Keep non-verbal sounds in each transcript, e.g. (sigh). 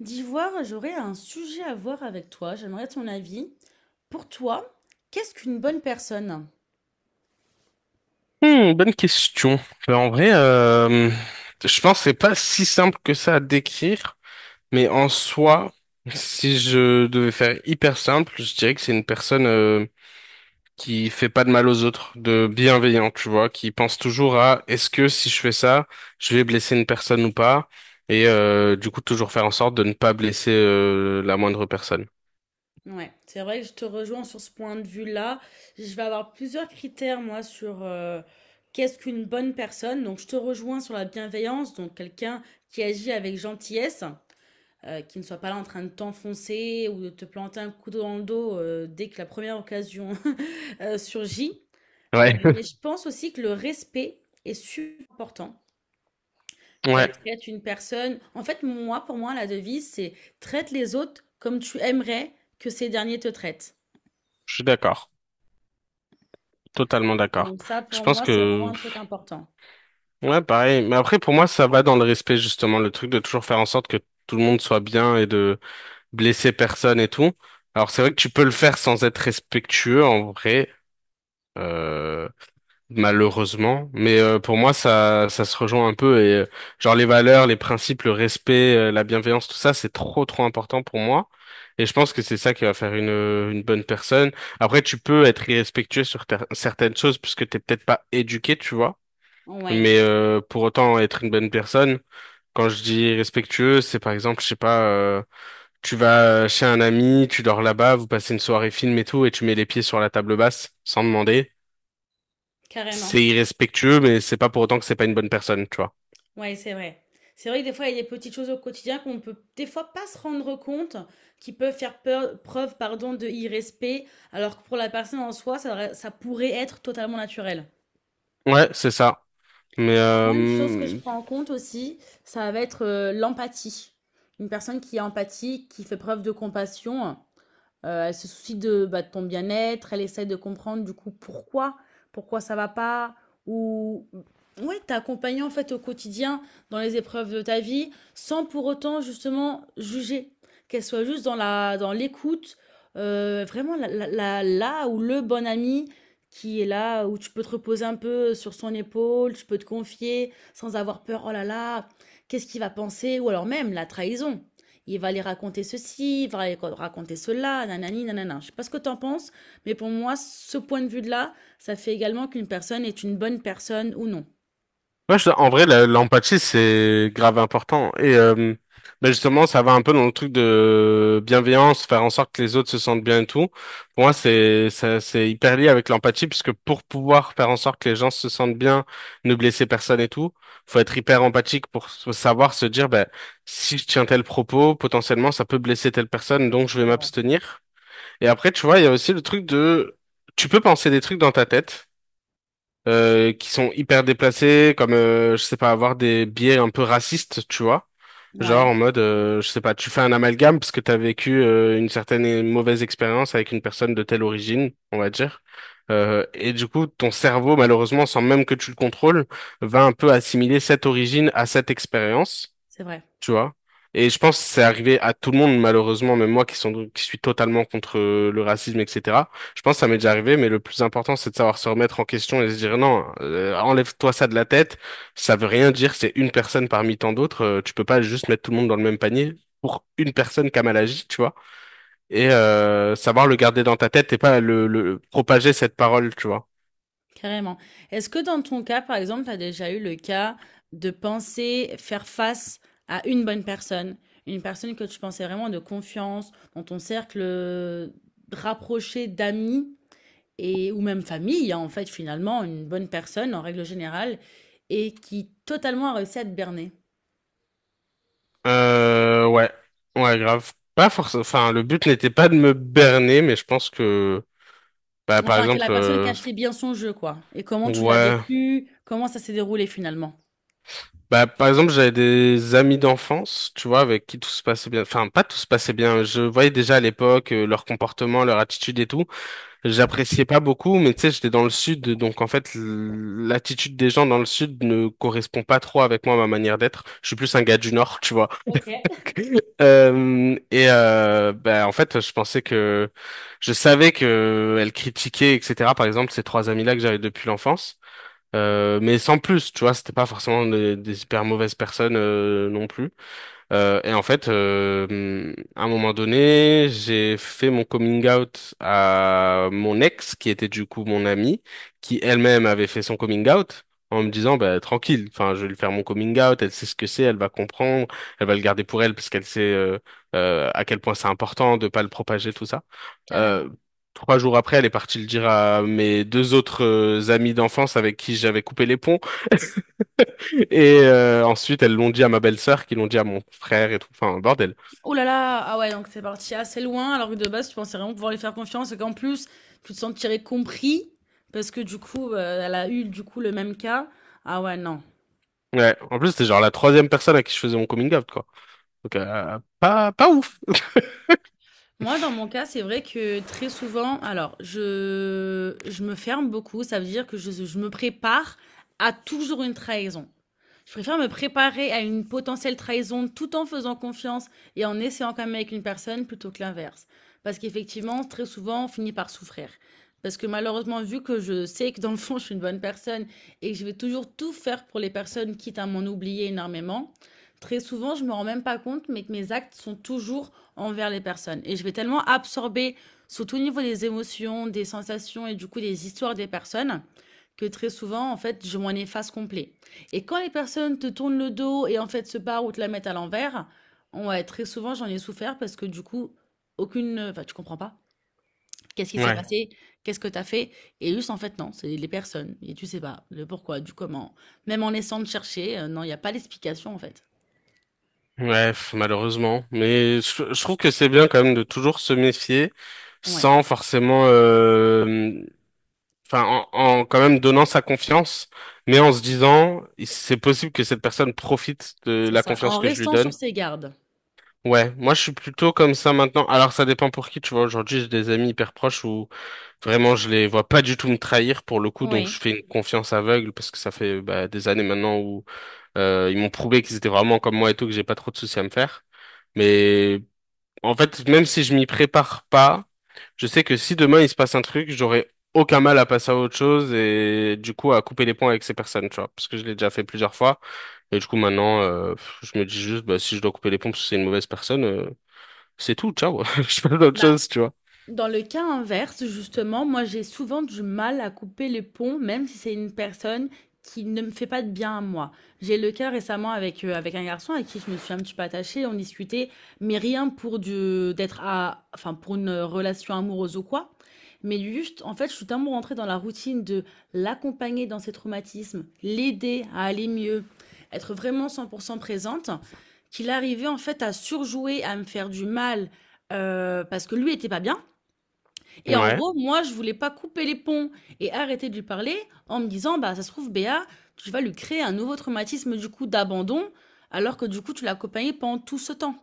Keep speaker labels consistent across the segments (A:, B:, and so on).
A: D'ivoire, j'aurais un sujet à voir avec toi. J'aimerais ton avis. Pour toi, qu'est-ce qu'une bonne personne?
B: Bonne question. Euh, En vrai, euh, je pense que c'est pas si simple que ça à décrire, mais en soi, si je devais faire hyper simple, je dirais que c'est une personne qui fait pas de mal aux autres, de bienveillant, tu vois, qui pense toujours à est-ce que si je fais ça, je vais blesser une personne ou pas, et du coup toujours faire en sorte de ne pas blesser la moindre personne.
A: Ouais, c'est vrai que je te rejoins sur ce point de vue-là. Je vais avoir plusieurs critères, moi, sur qu'est-ce qu'une bonne personne. Donc, je te rejoins sur la bienveillance, donc quelqu'un qui agit avec gentillesse, qui ne soit pas là en train de t'enfoncer ou de te planter un couteau dans le dos dès que la première occasion (laughs) surgit.
B: Ouais.
A: Mais
B: (laughs)
A: je pense aussi que le respect est super important.
B: Ouais,
A: Qu'elle traite une personne en fait, moi, pour moi, la devise, c'est: «Traite les autres comme tu aimerais que ces derniers te traitent».
B: je suis d'accord. Totalement d'accord.
A: Donc ça,
B: Je
A: pour
B: pense
A: moi, c'est vraiment
B: que,
A: un truc important.
B: ouais, pareil. Mais après, pour moi, ça va dans le respect, justement, le truc de toujours faire en sorte que tout le monde soit bien et de blesser personne et tout. Alors, c'est vrai que tu peux le faire sans être respectueux, en vrai. Euh, Malheureusement, mais pour moi ça se rejoint un peu et genre les valeurs, les principes, le respect, la bienveillance, tout ça c'est trop important pour moi et je pense que c'est ça qui va faire une bonne personne. Après tu peux être irrespectueux sur certaines choses puisque t'es peut-être pas éduqué, tu vois,
A: Ouais,
B: mais pour autant être une bonne personne. Quand je dis irrespectueux, c'est par exemple, je sais pas, tu vas chez un ami, tu dors là-bas, vous passez une soirée film et tout et tu mets les pieds sur la table basse sans demander,
A: carrément.
B: c'est irrespectueux, mais c'est pas pour autant que c'est pas une bonne personne, tu vois.
A: Ouais, c'est vrai. C'est vrai que des fois, il y a des petites choses au quotidien qu'on peut, des fois, pas se rendre compte, qui peuvent faire peur preuve, pardon, de irrespect, alors que pour la personne en soi, ça pourrait être totalement naturel.
B: Ouais, c'est ça. Mais
A: Moi, une chose que je
B: euh,
A: prends en compte aussi, ça va être, l'empathie. Une personne qui est empathique, qui fait preuve de compassion. Elle se soucie de, bah, de ton bien-être, elle essaie de comprendre du coup pourquoi, pourquoi ça va pas ou ouais, t'accompagner en fait au quotidien dans les épreuves de ta vie sans pour autant justement juger. Qu'elle soit juste dans la dans l'écoute, vraiment la ou le bon ami qui est là, où tu peux te reposer un peu sur son épaule, tu peux te confier sans avoir peur: «Oh là là, qu'est-ce qu'il va penser?» ou alors même la trahison. Il va aller raconter ceci, il va aller raconter cela, nanani, nanana. Je ne sais pas ce que t'en penses, mais pour moi, ce point de vue-là, ça fait également qu'une personne est une bonne personne ou non.
B: Ouais, en vrai, l'empathie, c'est grave important. Et ben justement, ça va un peu dans le truc de bienveillance, faire en sorte que les autres se sentent bien et tout. Pour moi, c'est hyper lié avec l'empathie, puisque pour pouvoir faire en sorte que les gens se sentent bien, ne blesser personne et tout, faut être hyper empathique pour savoir se dire, ben, si je tiens tel propos, potentiellement, ça peut blesser telle personne, donc je vais
A: C'est vrai.
B: m'abstenir. Et après, tu vois, il y a aussi le truc de... Tu peux penser des trucs dans ta tête qui sont hyper déplacés, comme je sais pas, avoir des biais un peu racistes, tu vois. Genre en
A: Ouais,
B: mode, je sais pas, tu fais un amalgame parce que t'as vécu une certaine mauvaise expérience avec une personne de telle origine, on va dire. Et du coup, ton cerveau, malheureusement, sans même que tu le contrôles, va un peu assimiler cette origine à cette expérience,
A: c'est vrai,
B: tu vois. Et je pense que c'est arrivé à tout le monde, malheureusement, même moi qui suis totalement contre le racisme, etc. Je pense que ça m'est déjà arrivé, mais le plus important, c'est de savoir se remettre en question et se dire non, enlève-toi ça de la tête, ça veut rien dire, c'est une personne parmi tant d'autres, tu peux pas juste mettre tout le monde dans le même panier pour une personne qui a mal agi, tu vois, et savoir le garder dans ta tête et pas le propager cette parole, tu vois.
A: carrément. Est-ce que dans ton cas, par exemple, t'as déjà eu le cas de penser faire face à une bonne personne, une personne que tu pensais vraiment de confiance, dans ton cercle rapproché d'amis, et ou même famille, hein, en fait, finalement, une bonne personne en règle générale et qui totalement a réussi à te berner.
B: Ouais, ouais, grave. Pas forcément. Enfin, le but n'était pas de me berner, mais je pense que, bah, par
A: Enfin, que la
B: exemple,
A: personne qui a acheté bien son jeu, quoi. Et comment tu l'as
B: ouais.
A: vécu? Comment ça s'est déroulé finalement?
B: Bah, par exemple, j'avais des amis d'enfance, tu vois, avec qui tout se passait bien. Enfin, pas tout se passait bien. Je voyais déjà à l'époque leur comportement, leur attitude et tout. J'appréciais pas beaucoup, mais tu sais, j'étais dans le sud, donc en fait, l'attitude des gens dans le sud ne correspond pas trop avec moi, ma manière d'être. Je suis plus un gars du nord, tu vois. (laughs) Bah, en fait, je savais que elle critiquait, etc. Par exemple, ces 3 amis-là que j'avais depuis l'enfance. Mais sans plus, tu vois, c'était pas forcément des super mauvaises personnes non plus. À un moment donné, j'ai fait mon coming out à mon ex, qui était du coup mon amie, qui elle-même avait fait son coming out, en me disant, bah, tranquille, enfin, je vais lui faire mon coming out, elle sait ce que c'est, elle va comprendre, elle va le garder pour elle, parce qu'elle sait à quel point c'est important de pas le propager, tout ça. Euh,
A: Carrément.
B: 3 jours après, elle est partie le dire à mes 2 autres amis d'enfance avec qui j'avais coupé les ponts. Et ensuite, elles l'ont dit à ma belle-sœur, qui l'ont dit à mon frère et tout. Enfin, bordel.
A: Oh là là! Ah ouais, donc c'est parti assez loin, alors que de base, tu pensais vraiment pouvoir lui faire confiance et qu'en plus, tu te sentirais compris parce que du coup, elle a eu, du coup, le même cas. Ah ouais, non.
B: Ouais. En plus, c'était genre la troisième personne à qui je faisais mon coming out, quoi. Donc, pas ouf. (laughs)
A: Moi, dans mon cas, c'est vrai que très souvent, alors, je me ferme beaucoup. Ça veut dire que je me prépare à toujours une trahison. Je préfère me préparer à une potentielle trahison tout en faisant confiance et en essayant quand même avec une personne plutôt que l'inverse. Parce qu'effectivement, très souvent, on finit par souffrir. Parce que malheureusement, vu que je sais que dans le fond, je suis une bonne personne et que je vais toujours tout faire pour les personnes, quitte à m'en oublier énormément, très souvent, je ne me rends même pas compte, mais que mes actes sont toujours envers les personnes. Et je vais tellement absorber, surtout au niveau des émotions, des sensations et du coup des histoires des personnes, que très souvent, en fait, je m'en efface complet. Et quand les personnes te tournent le dos et en fait se barrent ou te la mettent à l'envers, on ouais, très souvent j'en ai souffert parce que du coup, aucune, enfin tu comprends pas. Qu'est-ce qui s'est
B: Ouais.
A: passé? Qu'est-ce que t'as fait? Et juste en fait non, c'est les personnes et tu sais pas le pourquoi, du comment. Même en essayant de chercher, non, il y a pas d'explication en fait.
B: Ouais, pff, malheureusement. Mais je trouve que c'est bien quand même de toujours se méfier
A: Ouais,
B: sans forcément, enfin, en quand même donnant sa confiance, mais en se disant, c'est possible que cette personne profite de
A: c'est
B: la
A: ça. En
B: confiance que je lui
A: restant sur
B: donne.
A: ses gardes.
B: Ouais, moi je suis plutôt comme ça maintenant. Alors ça dépend pour qui, tu vois. Aujourd'hui, j'ai des amis hyper proches où vraiment je les vois pas du tout me trahir pour le coup, donc je
A: Oui.
B: fais une confiance aveugle parce que ça fait bah, des années maintenant où ils m'ont prouvé qu'ils étaient vraiment comme moi et tout, que j'ai pas trop de soucis à me faire. Mais en fait, même si je m'y prépare pas, je sais que si demain il se passe un truc, j'aurai aucun mal à passer à autre chose et du coup à couper les ponts avec ces personnes, tu vois, parce que je l'ai déjà fait plusieurs fois. Et du coup maintenant, je me dis juste, bah, si je dois couper les ponts parce que c'est une mauvaise personne, c'est tout, ciao. (laughs) Je fais d'autres choses, tu vois.
A: Dans le cas inverse, justement, moi, j'ai souvent du mal à couper les ponts, même si c'est une personne qui ne me fait pas de bien à moi. J'ai eu le cas récemment avec, avec un garçon à qui je me suis un petit peu attachée, on discutait, mais rien pour du d'être à enfin, pour une, relation amoureuse ou quoi. Mais juste, en fait, je suis tellement rentrée dans la routine de l'accompagner dans ses traumatismes, l'aider à aller mieux, être vraiment 100% présente, qu'il arrivait, en fait, à surjouer, à me faire du mal, parce que lui était pas bien et en
B: Ouais,
A: gros, moi, je voulais pas couper les ponts et arrêter de lui parler en me disant, bah, ça se trouve, Béa, tu vas lui créer un nouveau traumatisme, du coup, d'abandon, alors que du coup, tu l'as accompagné pendant tout ce temps.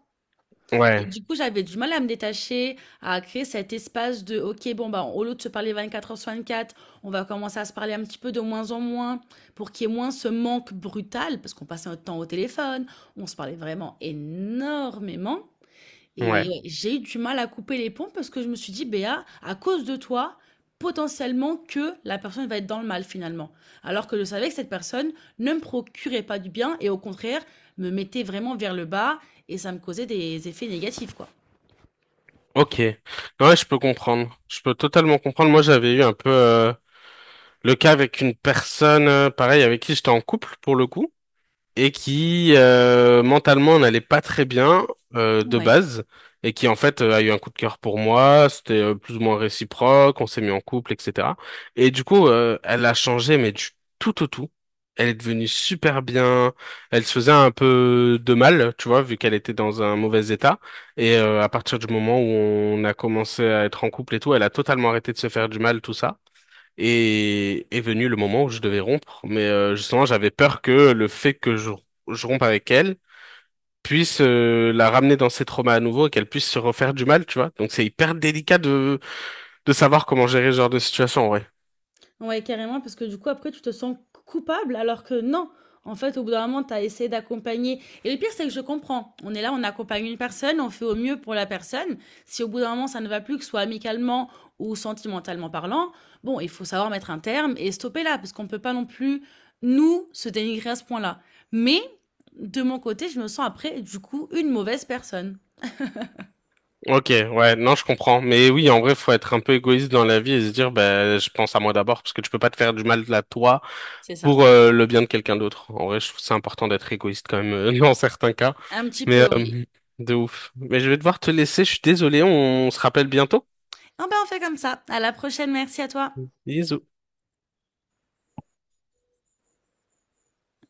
A: Et
B: ouais,
A: du coup, j'avais du mal à me détacher, à créer cet espace de, OK, bon, bah, au lieu de se parler 24 heures sur 24, on va commencer à se parler un petit peu de moins en moins pour qu'il y ait moins ce manque brutal, parce qu'on passait notre temps au téléphone, on se parlait vraiment énormément. Et
B: ouais.
A: ouais, j'ai eu du mal à couper les ponts parce que je me suis dit: «Béa, à cause de toi, potentiellement que la personne va être dans le mal finalement». Alors que je savais que cette personne ne me procurait pas du bien et au contraire, me mettait vraiment vers le bas et ça me causait des effets négatifs, quoi.
B: Ok, ouais, je peux comprendre. Je peux totalement comprendre. Moi, j'avais eu un peu le cas avec une personne, pareil, avec qui j'étais en couple pour le coup, et qui mentalement n'allait pas très bien de
A: Ouais.
B: base et qui en fait a eu un coup de cœur pour moi, c'était plus ou moins réciproque, on s'est mis en couple, etc. Et du coup, elle a changé, mais du tout au tout. Elle est devenue super bien. Elle se faisait un peu de mal, tu vois, vu qu'elle était dans un mauvais état. Et à partir du moment où on a commencé à être en couple et tout, elle a totalement arrêté de se faire du mal, tout ça. Et est venu le moment où je devais rompre, mais justement j'avais peur que le fait que je rompe avec elle puisse la ramener dans ses traumas à nouveau et qu'elle puisse se refaire du mal, tu vois. Donc c'est hyper délicat de savoir comment gérer ce genre de situation, en vrai.
A: Ouais, carrément, parce que du coup, après, tu te sens coupable, alors que non, en fait, au bout d'un moment, tu as essayé d'accompagner et le pire, c'est que je comprends. On est là, on accompagne une personne, on fait au mieux pour la personne. Si au bout d'un moment, ça ne va plus, que ce soit amicalement ou sentimentalement parlant, bon, il faut savoir mettre un terme et stopper là, parce qu'on ne peut pas non plus, nous, se dénigrer à ce point-là. Mais de mon côté, je me sens après, du coup, une mauvaise personne.
B: Ok, ouais, non, je comprends. Mais oui, en vrai, faut être un peu égoïste dans la vie et se dire, bah, je pense à moi d'abord, parce que tu peux pas te faire du mal à toi
A: C'est ça.
B: pour le bien de quelqu'un d'autre. En vrai, je trouve c'est important d'être égoïste quand même (laughs) dans certains cas.
A: Un petit
B: Mais
A: peu, oui.
B: euh, de ouf. Mais je vais devoir te laisser, je suis désolé, on se rappelle bientôt.
A: Ah ben, on fait comme ça. À la prochaine, merci à toi.
B: Bisous.